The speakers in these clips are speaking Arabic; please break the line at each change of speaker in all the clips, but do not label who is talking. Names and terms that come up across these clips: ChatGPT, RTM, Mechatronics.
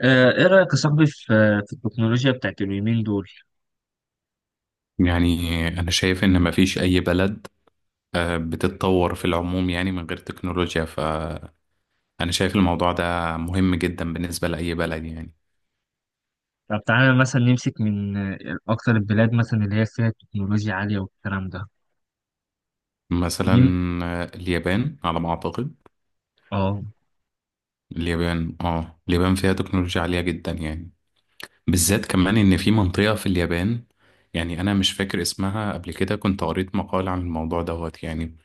ايه رأيك يا صاحبي في في التكنولوجيا بتاعت اليومين دول؟
يعني أنا شايف إن مفيش أي بلد بتتطور في العموم يعني من غير تكنولوجيا، فأنا شايف الموضوع ده مهم جدا بالنسبة لأي بلد يعني.
طب تعالى مثلا نمسك من اكتر البلاد مثلا اللي هي فيها تكنولوجيا عالية والكلام ده.
مثلا
مين؟
اليابان على ما أعتقد.
اه،
اليابان فيها تكنولوجيا عالية جدا يعني، بالذات كمان إن في منطقة في اليابان، يعني أنا مش فاكر اسمها. قبل كده كنت قريت مقال عن الموضوع دوت يعني،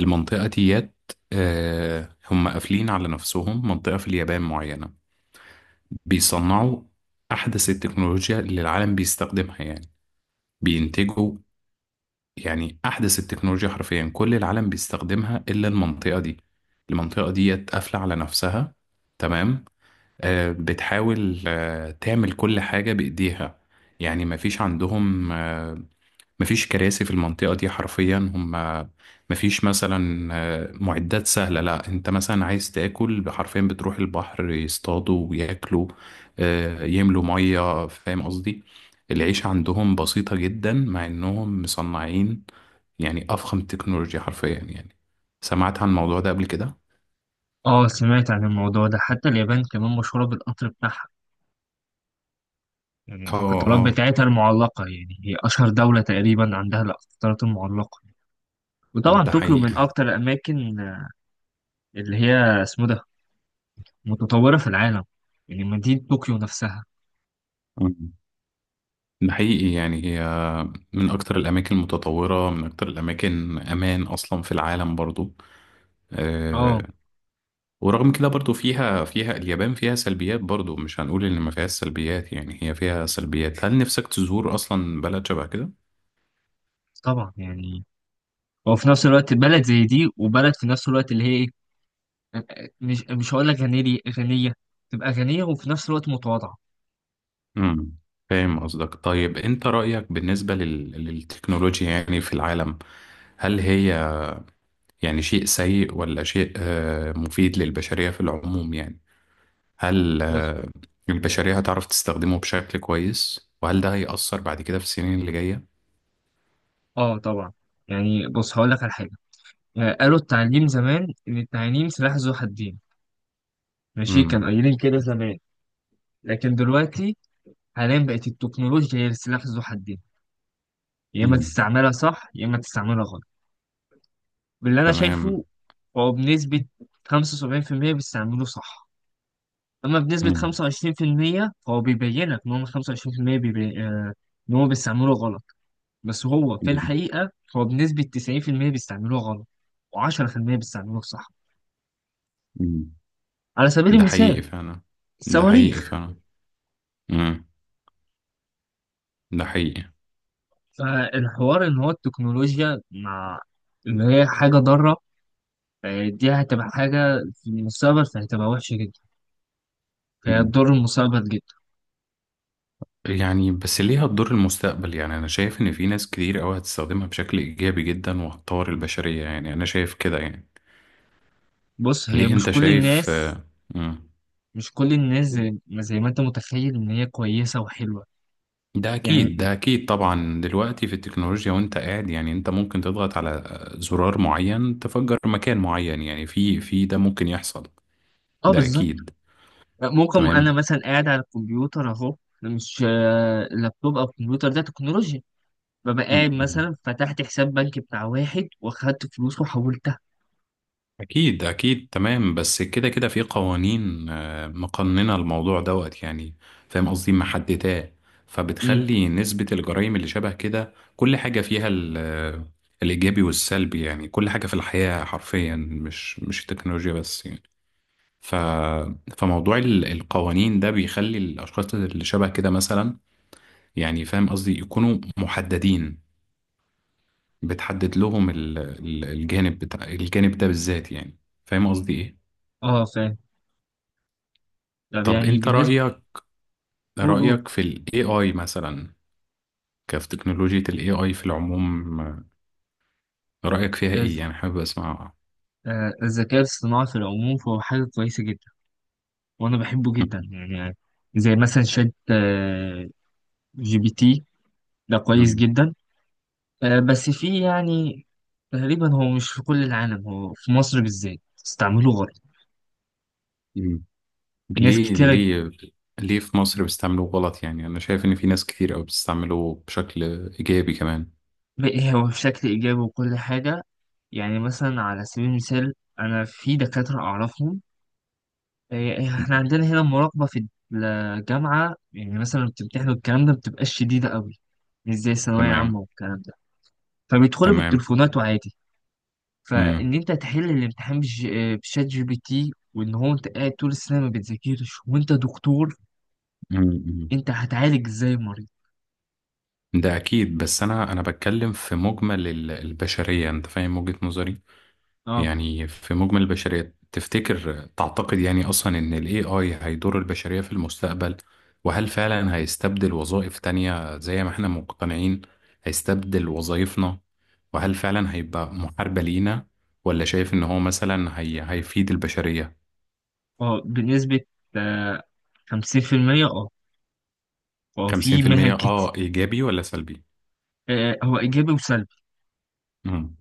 المنطقة ديت. هم قافلين على نفسهم منطقة في اليابان معينة، بيصنعوا أحدث التكنولوجيا اللي العالم بيستخدمها يعني، بينتجوا يعني أحدث التكنولوجيا، حرفيا كل العالم بيستخدمها إلا المنطقة دي. المنطقة دي قافلة على نفسها، تمام. بتحاول تعمل كل حاجة بإيديها، يعني مفيش عندهم مفيش كراسي في المنطقة دي حرفيا. هم مفيش مثلا معدات سهلة. لا، انت مثلا عايز تاكل، حرفيا بتروح البحر يصطادوا وياكلوا، يملوا مية، فاهم قصدي. العيشة عندهم بسيطة جدا، مع انهم مصنعين يعني أفخم تكنولوجيا حرفيا يعني. سمعت عن الموضوع ده قبل كده؟
اه، سمعت عن الموضوع ده. حتى اليابان كمان مشهورة بالقطر بتاعها، يعني
اه
القطارات
اه،
بتاعتها المعلقة، يعني هي اشهر دولة تقريبا عندها القطارات المعلقة. وطبعا
ده
طوكيو من
حقيقة.
اكتر الاماكن، اللي هي اسمه ده متطورة في العالم، يعني مدينة طوكيو نفسها.
مم. ده حقيقي، يعني هي من أكتر الأماكن المتطورة، من أكتر الأماكن أمان أصلا في العالم برضو.
اه
آه، ورغم كده برضو فيها فيها اليابان فيها سلبيات برضو، مش هنقول ان ما فيهاش سلبيات، يعني هي فيها سلبيات. هل نفسك تزور اصلا بلد شبه كده؟
طبعا يعني. وفي نفس الوقت بلد زي دي، وبلد في نفس الوقت اللي هي ايه. مش هقول لك غنية غنية، تبقى غنية وفي نفس الوقت متواضعة.
امم فاهم قصدك. طيب انت رأيك بالنسبة للتكنولوجيا يعني في العالم؟ هل هي يعني شيء سيء، ولا شيء مفيد للبشرية في العموم يعني؟ هل
بص.
البشرية هتعرف تستخدمه بشكل كويس، وهل ده هيأثر بعد كده في السنين اللي جاية؟
اه طبعا يعني. بص هقول لك على حاجة. قالوا التعليم زمان إن التعليم سلاح ذو حدين. ماشي، كانوا
امم
قايلين كده زمان. لكن دلوقتي حاليا بقت التكنولوجيا هي السلاح ذو حدين. يا إما
امم
تستعملها صح، يا إما تستعملها غلط. باللي أنا
تمام.
شايفه هو بنسبة 75% بيستعملوه صح. أما بنسبة 25% فهو بيبينك إن هم 25%، بيبي... آه، إن هو بيستعملوه غلط. بس هو في الحقيقة، هو بنسبة 90% بيستعملوه غلط و10% بيستعملوه صح.
امم
على سبيل
ده
المثال
حقيقي فعلا، ده حقيقي
الصواريخ.
فعلا. امم ده حقيقي.
فالحوار إن هو التكنولوجيا مع اللي هي حاجة ضارة، دي هتبقى حاجة في المستقبل، فهتبقى وحشة جدا. فهي
مم.
هتضر المستقبل جدا.
يعني بس ليه هتضر المستقبل؟ يعني انا شايف ان في ناس كتير قوي هتستخدمها بشكل ايجابي جدا، وهتطور البشرية، يعني انا شايف كده يعني.
بص، هي
ليه
مش
انت
كل
شايف
الناس.
مم.
زي ما أنت متخيل إن هي كويسة وحلوة
ده
يعني.
اكيد، ده اكيد طبعا، دلوقتي في التكنولوجيا وانت قاعد يعني، انت ممكن تضغط على زرار معين تفجر مكان معين يعني، في ده ممكن يحصل.
اه
ده
بالظبط.
اكيد،
ممكن
تمام.
انا مثلا قاعد على الكمبيوتر اهو، مش اللابتوب او الكمبيوتر، ده تكنولوجيا. ببقى قاعد
مم.
مثلا، فتحت حساب بنك بتاع واحد واخدت فلوس وحولتها.
أكيد أكيد، تمام. بس كده كده في قوانين مقننة الموضوع دوت يعني، فاهم قصدي، محدداه.
امم
فبتخلي نسبة الجرائم اللي شبه كده، كل حاجة فيها الإيجابي والسلبي، يعني كل حاجة في الحياة حرفيا، مش التكنولوجيا بس يعني. ف فموضوع القوانين ده بيخلي الأشخاص اللي شبه كده مثلا، يعني فاهم قصدي، يكونوا محددين. بتحدد لهم الجانب بتاع الجانب ده بالذات يعني، فاهم قصدي إيه؟
اه، فاهم. طب
طب
يعني
انت
بالنسبه.
رأيك،
قول، قول.
رأيك في ال AI مثلا، كيف تكنولوجيا ال AI في العموم، رأيك فيها ايه
الز-
يعني، حابب اسمع.
الذكاء الاصطناعي في العموم فهو حاجه كويسه جدا، وانا بحبه جدا
م-
يعني. زي مثلا شات جي بي تي، ده كويس
م-
جدا. بس فيه يعني، تقريبا هو مش في كل العالم، هو في مصر بالذات استعمله غلط
م.
ناس
ليه؟
كتيرة.
ليه؟ ليه في مصر بيستعملوه غلط؟ يعني انا شايف ان في ناس كتير قوي بتستعمله بشكل ايجابي كمان.
بقى هو بشكل إيجابي وكل حاجة. يعني مثلا على سبيل المثال، أنا في دكاترة أعرفهم. إيه،
م.
إحنا عندنا هنا المراقبة في الجامعة، يعني مثلا لما بتمتحنوا الكلام ده بتبقاش شديدة قوي، مش زي ثانوية عامة
تمام
والكلام ده، فبيدخلوا
تمام.
بالتليفونات وعادي.
م. م-
فإن أنت تحل الامتحان بشات جي بي تي، وإن هو أنت قاعد طول السنة ما بتذاكرش، وأنت دكتور،
م.
أنت هتعالج إزاي المريض؟
ده اكيد، بس انا بتكلم في مجمل البشرية، انت فاهم وجهة نظري.
أه،
يعني في مجمل البشرية تفتكر، تعتقد يعني أصلا إن ال AI هيضر البشرية في المستقبل؟ وهل فعلا هيستبدل وظائف تانية زي ما احنا مقتنعين هيستبدل وظائفنا؟ وهل فعلا هيبقى محاربة لينا، ولا شايف إن هو مثلا هي هيفيد البشرية؟
أه، بنسبة 50%، أه 50%. آه. هو في مهن
50%
كتير.
إيجابي ولا سلبي؟
هو ايجابي وسلبي.
امم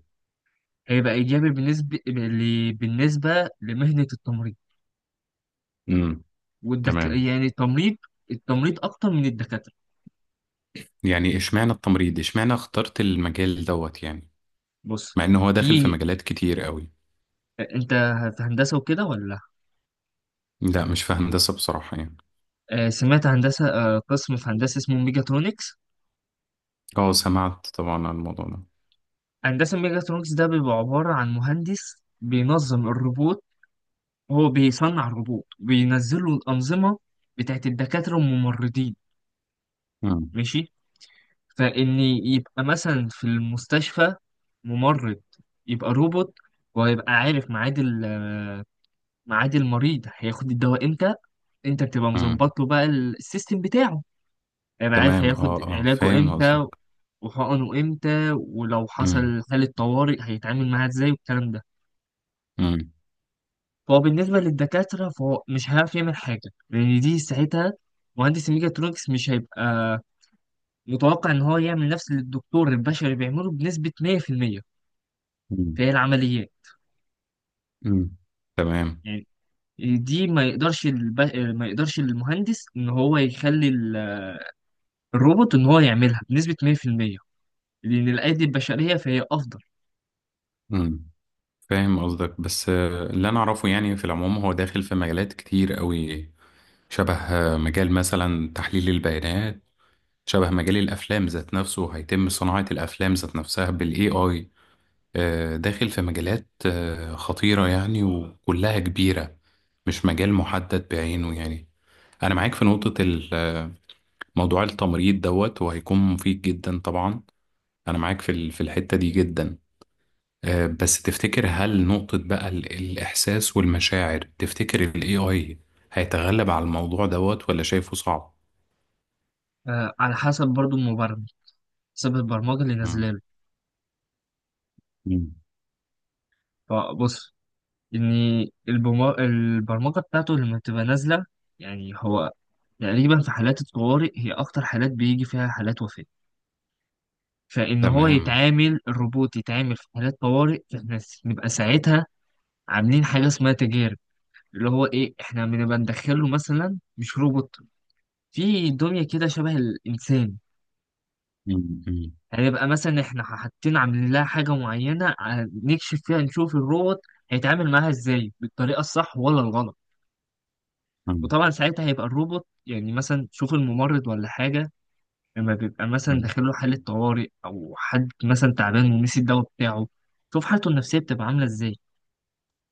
هيبقى ايجابي بالنسبه لمهنه التمريض.
امم
والدك
تمام.
يعني التمريض. التمريض اكتر من الدكاتره.
يعني اشمعنى التمريض، اشمعنى اخترت المجال دوت يعني،
بص،
مع إن هو داخل في
في
مجالات كتير قوي.
انت في هندسه وكده ولا لا؟
لا، مش في هندسة بصراحة يعني.
سمعت هندسه، قسم في هندسه اسمه ميجاترونكس.
اه، سمعت طبعا عن الموضوع ده.
هندسه ميجاترونكس ده بيبقى عباره عن مهندس بينظم الروبوت. هو بيصنع الروبوت بينزله الانظمه بتاعت الدكاتره والممرضين.
مم.
ماشي، فإن يبقى مثلا في المستشفى ممرض يبقى روبوت، ويبقى عارف ميعاد المريض هياخد الدواء امتى. انت بتبقى
مم.
مظبط له بقى السيستم بتاعه. هيبقى عارف
تمام.
هياخد
اه اه،
علاجه
فاهم قصدك.
امتى وحقنه امتى، ولو
مم.
حصل حالة طوارئ هيتعامل معاها ازاي والكلام ده.
مم.
فهو بالنسبة للدكاترة، فهو مش هيعرف يعمل حاجة، لأن دي ساعتها مهندس الميكاترونكس مش هيبقى متوقع إن هو يعمل نفس اللي الدكتور البشري بيعمله بنسبة 100%.
مم.
فهي العمليات
مم. تمام.
يعني دي، ما يقدرش المهندس ان هو يخلي الروبوت ان هو يعملها بنسبة 100%، لان الايدي البشرية فهي افضل.
مم. فاهم قصدك، بس اللي انا اعرفه يعني في العموم هو داخل في مجالات كتير قوي، شبه مجال مثلا تحليل البيانات، شبه مجال الافلام ذات نفسه، هيتم صناعة الافلام ذات نفسها بالاي اي. داخل في مجالات خطيرة يعني، وكلها كبيرة، مش مجال محدد بعينه يعني. انا معاك في نقطة، موضوع التمريض دوت، وهيكون مفيد جدا طبعا. انا معاك في في الحتة دي جدا. بس تفتكر، هل نقطة بقى الإحساس والمشاعر، تفتكر ال AI هيتغلب على الموضوع دوت ولا شايفه صعب؟
على حسب برضو المبرمج، حسب البرمجة اللي
مم.
نازله له.
مم.
فبص ان البرمجة بتاعته لما بتبقى نازلة. يعني هو تقريبا في حالات الطوارئ هي اكتر حالات بيجي فيها حالات وفاة. فان هو
تمام.
يتعامل الروبوت يتعامل في حالات طوارئ، فاحنا نبقى ساعتها عاملين حاجة اسمها تجارب. اللي هو ايه احنا بنبقى ندخله مثلا، مش روبوت، في دمية كده شبه الانسان.
مم. مم.
هيبقى مثلا احنا حاطين عاملين لها حاجة معينة، نكشف فيها نشوف الروبوت هيتعامل معاها ازاي، بالطريقة الصح ولا الغلط.
مم.
وطبعا ساعتها هيبقى الروبوت يعني مثلا، شوف الممرض ولا حاجة، لما بيبقى مثلا
مم.
داخله حالة طوارئ، أو حد مثلا تعبان ونسي الدواء بتاعه، شوف حالته النفسية بتبقى عاملة ازاي.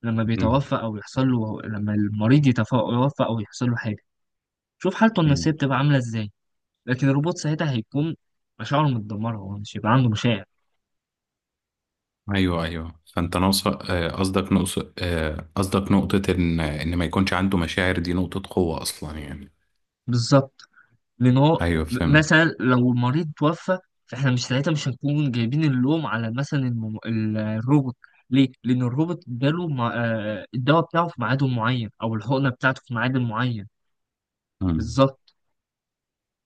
مم.
لما المريض يتوفى أو يحصل له حاجة، شوف حالته النفسية
مم.
بتبقى عاملة ازاي. لكن الروبوت ساعتها هيكون مشاعره متدمرة، هو مش هيبقى عنده مشاعر.
ايوه ايوه، فانت ناقص قصدك نقص قصدك نقطة ان ما يكونش عنده مشاعر، دي نقطة قوة اصلا يعني.
بالظبط. لأن هو،
ايوه، فهمت.
مثلا لو المريض توفى، فإحنا مش هنكون جايبين اللوم على مثلا الروبوت. ليه؟ لأن الروبوت اداله مع... آه، الدواء بتاعه في ميعاد معين، أو الحقنة بتاعته في ميعاد معين. بالظبط.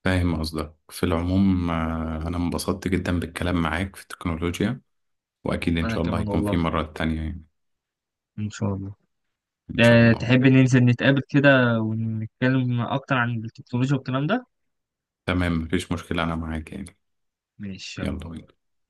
فاهم قصدك في العموم. أنا انبسطت جدا بالكلام معاك في التكنولوجيا، وأكيد إن
أنا
شاء الله
كمان
هيكون في
والله.
مرات تانية يعني.
إن شاء الله.
إن شاء الله.
تحب ننزل نتقابل كده ونتكلم أكتر عن التكنولوجيا والكلام ده؟
تمام، مفيش مشكلة، أنا معاك يعني.
ماشي.
يلا بينا.